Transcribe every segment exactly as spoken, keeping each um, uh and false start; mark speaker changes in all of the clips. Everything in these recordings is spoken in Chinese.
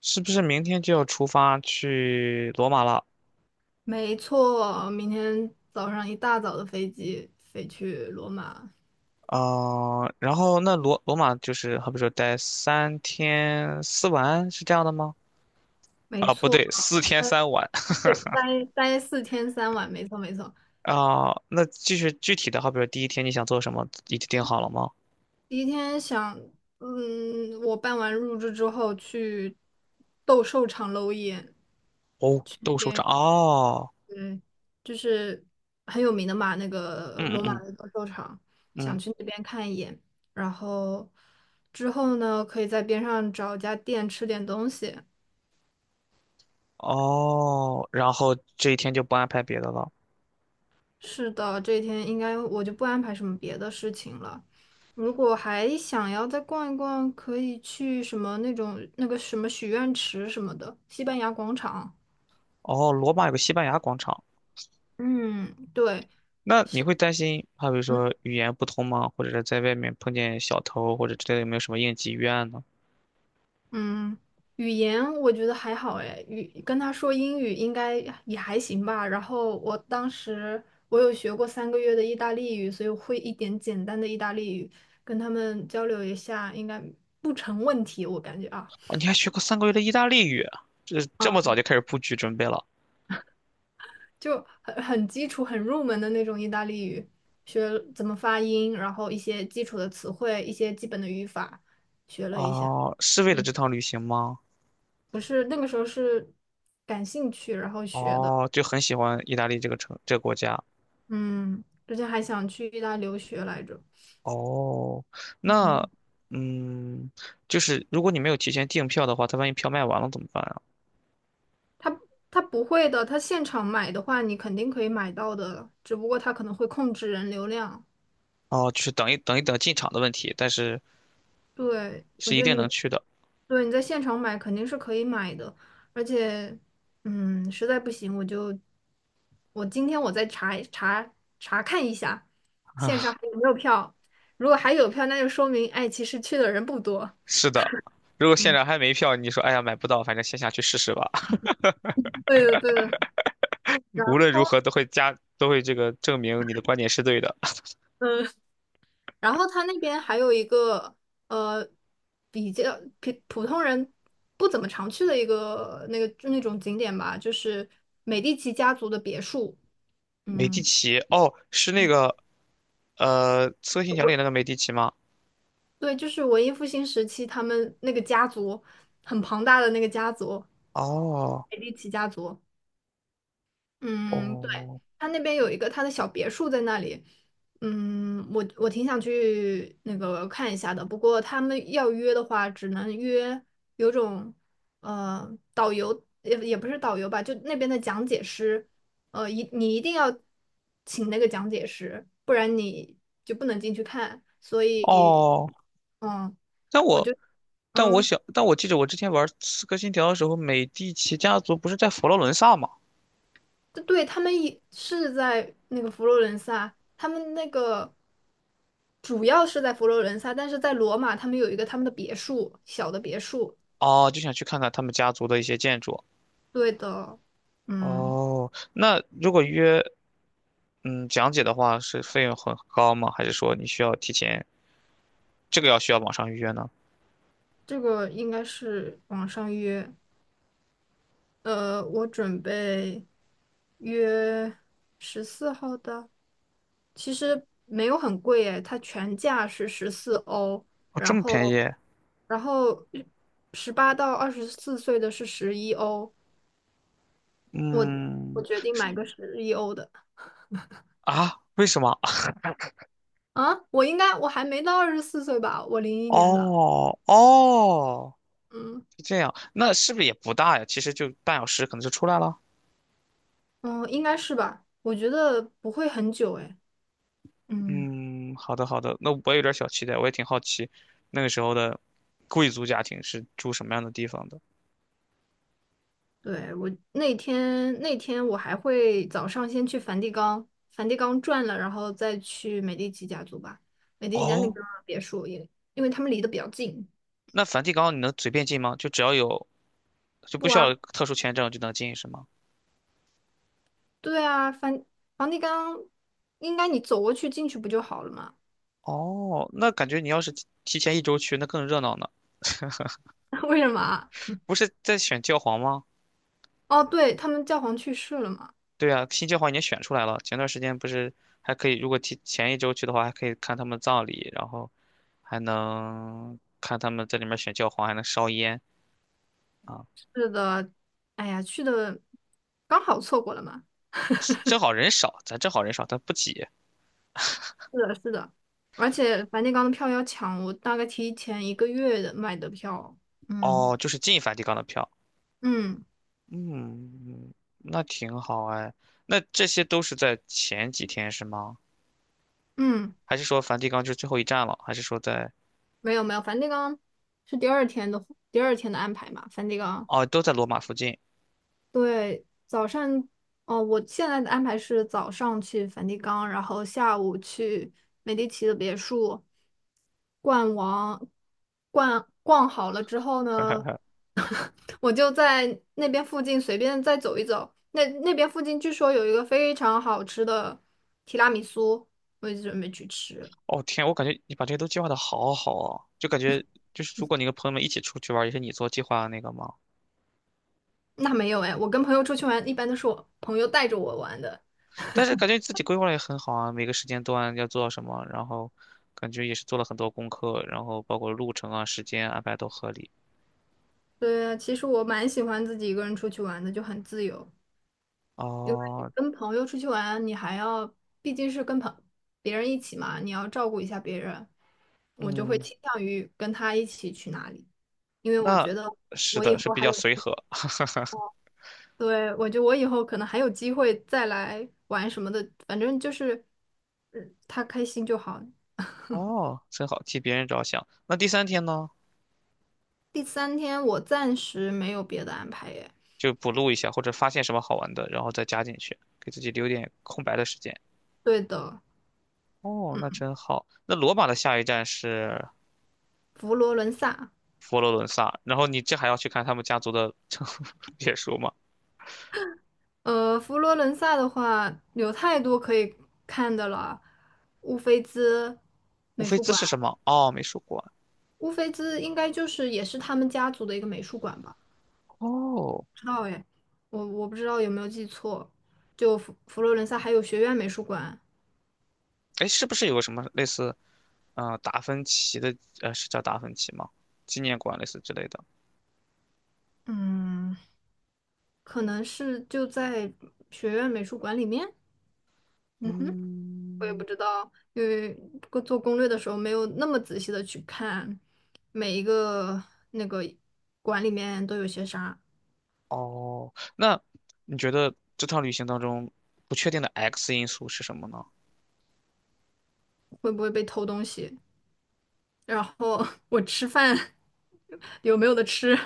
Speaker 1: 是不是明天就要出发去罗马了？
Speaker 2: 没错，明天早上一大早的飞机飞去罗马。
Speaker 1: 啊、然后那罗罗马就是好比说待三天四晚是这样的吗？
Speaker 2: 没
Speaker 1: 啊，不
Speaker 2: 错，
Speaker 1: 对，四天
Speaker 2: 待
Speaker 1: 三晚
Speaker 2: 对，待待四天三晚，没错没错。
Speaker 1: 啊、那就是具体的，好比说第一天你想做什么，已经定好了吗？
Speaker 2: 第一天想，嗯，我办完入住之后去斗兽场搂一眼，
Speaker 1: 哦，
Speaker 2: 那
Speaker 1: 斗兽场
Speaker 2: 边
Speaker 1: 哦，
Speaker 2: 嗯，就是很有名的嘛，那个
Speaker 1: 嗯
Speaker 2: 罗马
Speaker 1: 嗯
Speaker 2: 的斗兽场，
Speaker 1: 嗯
Speaker 2: 想
Speaker 1: 嗯。
Speaker 2: 去那边看一眼。然后之后呢，可以在边上找家店吃点东西。
Speaker 1: 哦，然后这一天就不安排别的了。
Speaker 2: 是的，这一天应该我就不安排什么别的事情了。如果还想要再逛一逛，可以去什么那种那个什么许愿池什么的，西班牙广场。
Speaker 1: 哦，罗马有个西班牙广场。
Speaker 2: 嗯，对，
Speaker 1: 那你会担心，好比如
Speaker 2: 嗯
Speaker 1: 说语言不通吗？或者是在外面碰见小偷或者之类的，有没有什么应急预案呢？
Speaker 2: 嗯，语言我觉得还好哎，语跟他说英语应该也还行吧。然后我当时我有学过三个月的意大利语，所以我会一点简单的意大利语，跟他们交流一下应该不成问题，我感觉啊
Speaker 1: 啊，你还学过三个月的意大利语，这这
Speaker 2: 啊。
Speaker 1: 么早就开始布局准备了？
Speaker 2: 就很很基础、很入门的那种意大利语，学怎么发音，然后一些基础的词汇、一些基本的语法，学了一下。
Speaker 1: 哦，是为了
Speaker 2: 嗯，
Speaker 1: 这趟旅行吗？
Speaker 2: 不是那个时候是感兴趣，然后学的。
Speaker 1: 哦，就很喜欢意大利这个城这个国家。
Speaker 2: 嗯，之前还想去意大利留学来着。
Speaker 1: 哦，那
Speaker 2: 嗯，
Speaker 1: 嗯，就是如果你没有提前订票的话，他万一票卖完了怎么办啊？
Speaker 2: 他他不会的，他现场买的话，你肯定可以买到的，只不过他可能会控制人流量。
Speaker 1: 哦，就是等一等一等进场的问题，但是
Speaker 2: 对，我
Speaker 1: 是一
Speaker 2: 觉得
Speaker 1: 定能
Speaker 2: 你
Speaker 1: 去的。
Speaker 2: 对你在现场买肯定是可以买的，而且，嗯，实在不行我就我今天我再查一查查看一下线上 还有没有票，如果还有票，那就说明哎，其实去的人不多。
Speaker 1: 是的，如果现
Speaker 2: 嗯，
Speaker 1: 场还没票，你说哎呀买不到，反正线下去试试吧。
Speaker 2: 对的对的。然
Speaker 1: 无论如
Speaker 2: 后
Speaker 1: 何都会加，都会这个证明你的观点是对的。
Speaker 2: 嗯，然后他那边还有一个呃比较普普通人不怎么常去的一个那个就那种景点吧，就是美第奇家族的别墅。
Speaker 1: 美第
Speaker 2: 嗯。
Speaker 1: 奇，哦，是那个呃《刺客信条》里那个美第奇吗？
Speaker 2: 对，就是文艺复兴时期，他们那个家族很庞大的那个家族，
Speaker 1: 哦
Speaker 2: 美第奇家族。嗯，对，
Speaker 1: 哦
Speaker 2: 他那边有一个他的小别墅在那里。嗯，我我挺想去那个看一下的，不过他们要约的话，只能约有种呃导游，也也不是导游吧，就那边的讲解师。呃，一你一定要请那个讲解师，不然你就不能进去看。所以，
Speaker 1: 哦，
Speaker 2: 嗯
Speaker 1: 但我但我
Speaker 2: 嗯。
Speaker 1: 想，但我记得我之前玩《刺客信条》的时候，美第奇家族不是在佛罗伦萨吗？
Speaker 2: 对，他们也是在那个佛罗伦萨，他们那个主要是在佛罗伦萨，但是在罗马，他们有一个他们的别墅，小的别墅。
Speaker 1: 哦，就想去看看他们家族的一些建筑。
Speaker 2: 对的，嗯，
Speaker 1: 哦，那如果约嗯讲解的话，是费用很高吗？还是说你需要提前？这个要需要网上预约呢？
Speaker 2: 这个应该是网上约。呃，我准备约十四号的，其实没有很贵诶，它全价是十四欧，
Speaker 1: 哦，这
Speaker 2: 然
Speaker 1: 么
Speaker 2: 后
Speaker 1: 便宜？
Speaker 2: 然后十八到二十四岁的是十一欧。我我
Speaker 1: 嗯，
Speaker 2: 决定买
Speaker 1: 是
Speaker 2: 个十一欧的
Speaker 1: 啊？为什么？
Speaker 2: 啊！我应该我还没到二十四岁吧？我零一年的，
Speaker 1: 哦哦，
Speaker 2: 嗯
Speaker 1: 是这样，那是不是也不大呀？其实就半小时可能就出来了。
Speaker 2: 嗯，应该是吧？我觉得不会很久哎，嗯，
Speaker 1: 嗯，好的好的，那我有点小期待，我也挺好奇，那个时候的贵族家庭是住什么样的地方的？
Speaker 2: 对，我那天那天我还会早上先去梵蒂冈，梵蒂冈转了，然后再去美第奇家族吧。美第奇家那
Speaker 1: 哦，
Speaker 2: 个别墅也，因为他们离得比较近。
Speaker 1: 那梵蒂冈你能随便进吗？就只要有，就不
Speaker 2: 不
Speaker 1: 需
Speaker 2: 啊，
Speaker 1: 要特殊签证就能进是吗？
Speaker 2: 对啊，梵梵蒂冈应该你走过去进去不就好了吗？
Speaker 1: 哦，那感觉你要是提提前一周去，那更热闹呢。
Speaker 2: 为什么啊？
Speaker 1: 不是在选教皇吗？
Speaker 2: 哦，对，他们教皇去世了嘛。
Speaker 1: 对啊，新教皇已经选出来了。前段时间不是还可以，如果提前一周去的话，还可以看他们葬礼，然后还能看他们在里面选教皇，还能烧烟啊。
Speaker 2: 是的，哎呀，去的刚好错过了嘛。
Speaker 1: 是 正好人少，咱正好人少，咱不挤。
Speaker 2: 是的，是的，而且梵蒂冈的票要抢，我大概提前一个月的买的票。嗯
Speaker 1: 哦，就是进梵蒂冈的票。
Speaker 2: 嗯
Speaker 1: 嗯，那挺好哎。那这些都是在前几天是吗？
Speaker 2: 嗯，
Speaker 1: 还是说梵蒂冈就是最后一站了？还是说在……
Speaker 2: 没有没有，梵蒂冈是第二天的第二天的安排嘛，梵蒂冈
Speaker 1: 哦，都在罗马附近。
Speaker 2: 对，早上，哦，我现在的安排是早上去梵蒂冈，然后下午去美第奇的别墅逛完，逛逛好了之后呢，我就在那边附近随便再走一走。那那边附近据说有一个非常好吃的提拉米苏，我就准备去吃。
Speaker 1: 哦天，我感觉你把这些都计划的好好哦，就感觉就是如果你跟朋友们一起出去玩儿也是你做计划的那个吗？
Speaker 2: 那没有哎，我跟朋友出去玩，一般都是我朋友带着我玩的。
Speaker 1: 但是感觉自己规划的也很好啊，每个时间段要做到什么，然后感觉也是做了很多功课，然后包括路程啊、时间安排都合理。
Speaker 2: 对啊，其实我蛮喜欢自己一个人出去玩的，就很自由。因为
Speaker 1: 哦，
Speaker 2: 跟朋友出去玩，你还要，毕竟是跟朋别人一起嘛，你要照顾一下别人，我就会
Speaker 1: 嗯，
Speaker 2: 倾向于跟他一起去哪里，因为我
Speaker 1: 那
Speaker 2: 觉得
Speaker 1: 是
Speaker 2: 我以
Speaker 1: 的，是
Speaker 2: 后
Speaker 1: 比
Speaker 2: 还
Speaker 1: 较
Speaker 2: 有，
Speaker 1: 随和。
Speaker 2: 对，我觉得我以后可能还有机会再来玩什么的，反正就是，嗯，他开心就好。
Speaker 1: 哦，真好，替别人着想。那第三天呢，
Speaker 2: 第三天我暂时没有别的安排耶。
Speaker 1: 就补录一下，或者发现什么好玩的，然后再加进去，给自己留点空白的时间。
Speaker 2: 对的，
Speaker 1: 哦，那真好。那罗马的下一站是？
Speaker 2: 佛罗伦萨。
Speaker 1: 佛罗伦萨，然后你这还要去看他们家族的 别墅吗？
Speaker 2: 呃，佛罗伦萨的话有太多可以看的了，乌菲兹
Speaker 1: 乌
Speaker 2: 美
Speaker 1: 菲
Speaker 2: 术
Speaker 1: 兹
Speaker 2: 馆，
Speaker 1: 是什么？哦，美术馆。
Speaker 2: 乌菲兹应该就是也是他们家族的一个美术馆吧？
Speaker 1: 哦，
Speaker 2: 不知道哎，我我不知道有没有记错。就佛佛罗伦萨还有学院美术馆，
Speaker 1: 哎，是不是有个什么类似，嗯，达芬奇的，呃，是叫达芬奇吗？纪念馆类似之类的。
Speaker 2: 嗯，可能是就在学院美术馆里面。嗯哼，我也不
Speaker 1: 嗯，
Speaker 2: 知道，因为做做攻略的时候没有那么仔细的去看每一个那个馆里面都有些啥。
Speaker 1: 哦，那你觉得这趟旅行当中不确定的 X 因素是什么呢？
Speaker 2: 会不会被偷东西，然后 我吃饭 有没有的吃。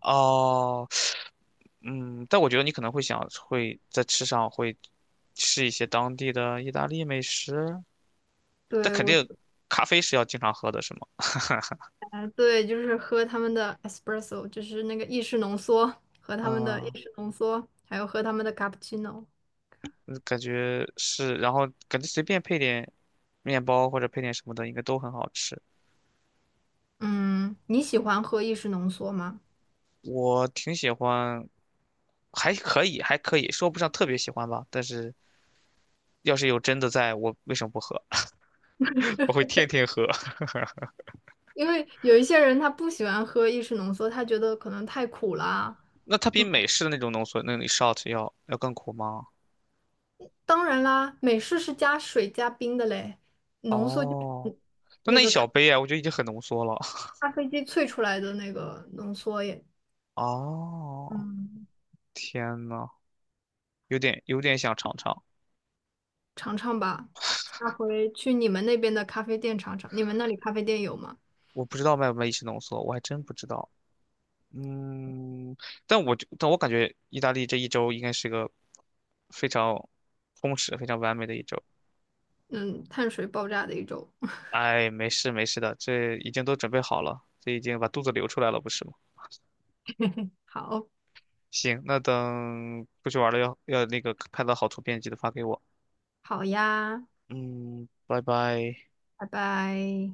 Speaker 1: 哦，嗯，但我觉得你可能会想会在吃上会吃一些当地的意大利美食，但
Speaker 2: 对，
Speaker 1: 肯
Speaker 2: 我，
Speaker 1: 定咖啡是要经常喝的，是吗？
Speaker 2: 对，就是喝他们的 espresso，就是那个意式浓缩，和他们的意
Speaker 1: 啊，
Speaker 2: 式浓缩，还有喝他们的 cappuccino。
Speaker 1: 那感觉是，然后感觉随便配点面包或者配点什么的，应该都很好吃。
Speaker 2: 嗯，你喜欢喝意式浓缩吗？
Speaker 1: 我挺喜欢，还可以，还可以，说不上特别喜欢吧。但是要是有真的在，我为什么不喝？我会天天喝。
Speaker 2: 因为有一些人他不喜欢喝意式浓缩，他觉得可能太苦啦。
Speaker 1: 那它比美式的那种浓缩那种 shot 要要更苦吗？
Speaker 2: 当然啦，美式是加水加冰的嘞，浓缩就
Speaker 1: 哦，
Speaker 2: 是
Speaker 1: 那那一小杯啊，我觉得已经很浓缩了。
Speaker 2: 咖啡机萃出来的那个浓缩也，
Speaker 1: 哦，
Speaker 2: 嗯，
Speaker 1: 天呐，有点有点想尝尝。
Speaker 2: 尝尝吧。下回去你们那边的咖啡店尝尝，你们那里咖啡店有吗？
Speaker 1: 我不知道卖不卖意式浓缩，我还真不知道。嗯，但我就但我感觉意大利这一周应该是个非常充实、非常完美的一周。
Speaker 2: 嗯，碳水爆炸的一种，
Speaker 1: 哎，没事没事的，这已经都准备好了，这已经把肚子流出来了，不是吗？
Speaker 2: 好，
Speaker 1: 行，那等出去玩了要要那个拍到好图片，记得发给我。
Speaker 2: 好呀，
Speaker 1: 嗯，拜拜。
Speaker 2: 拜拜。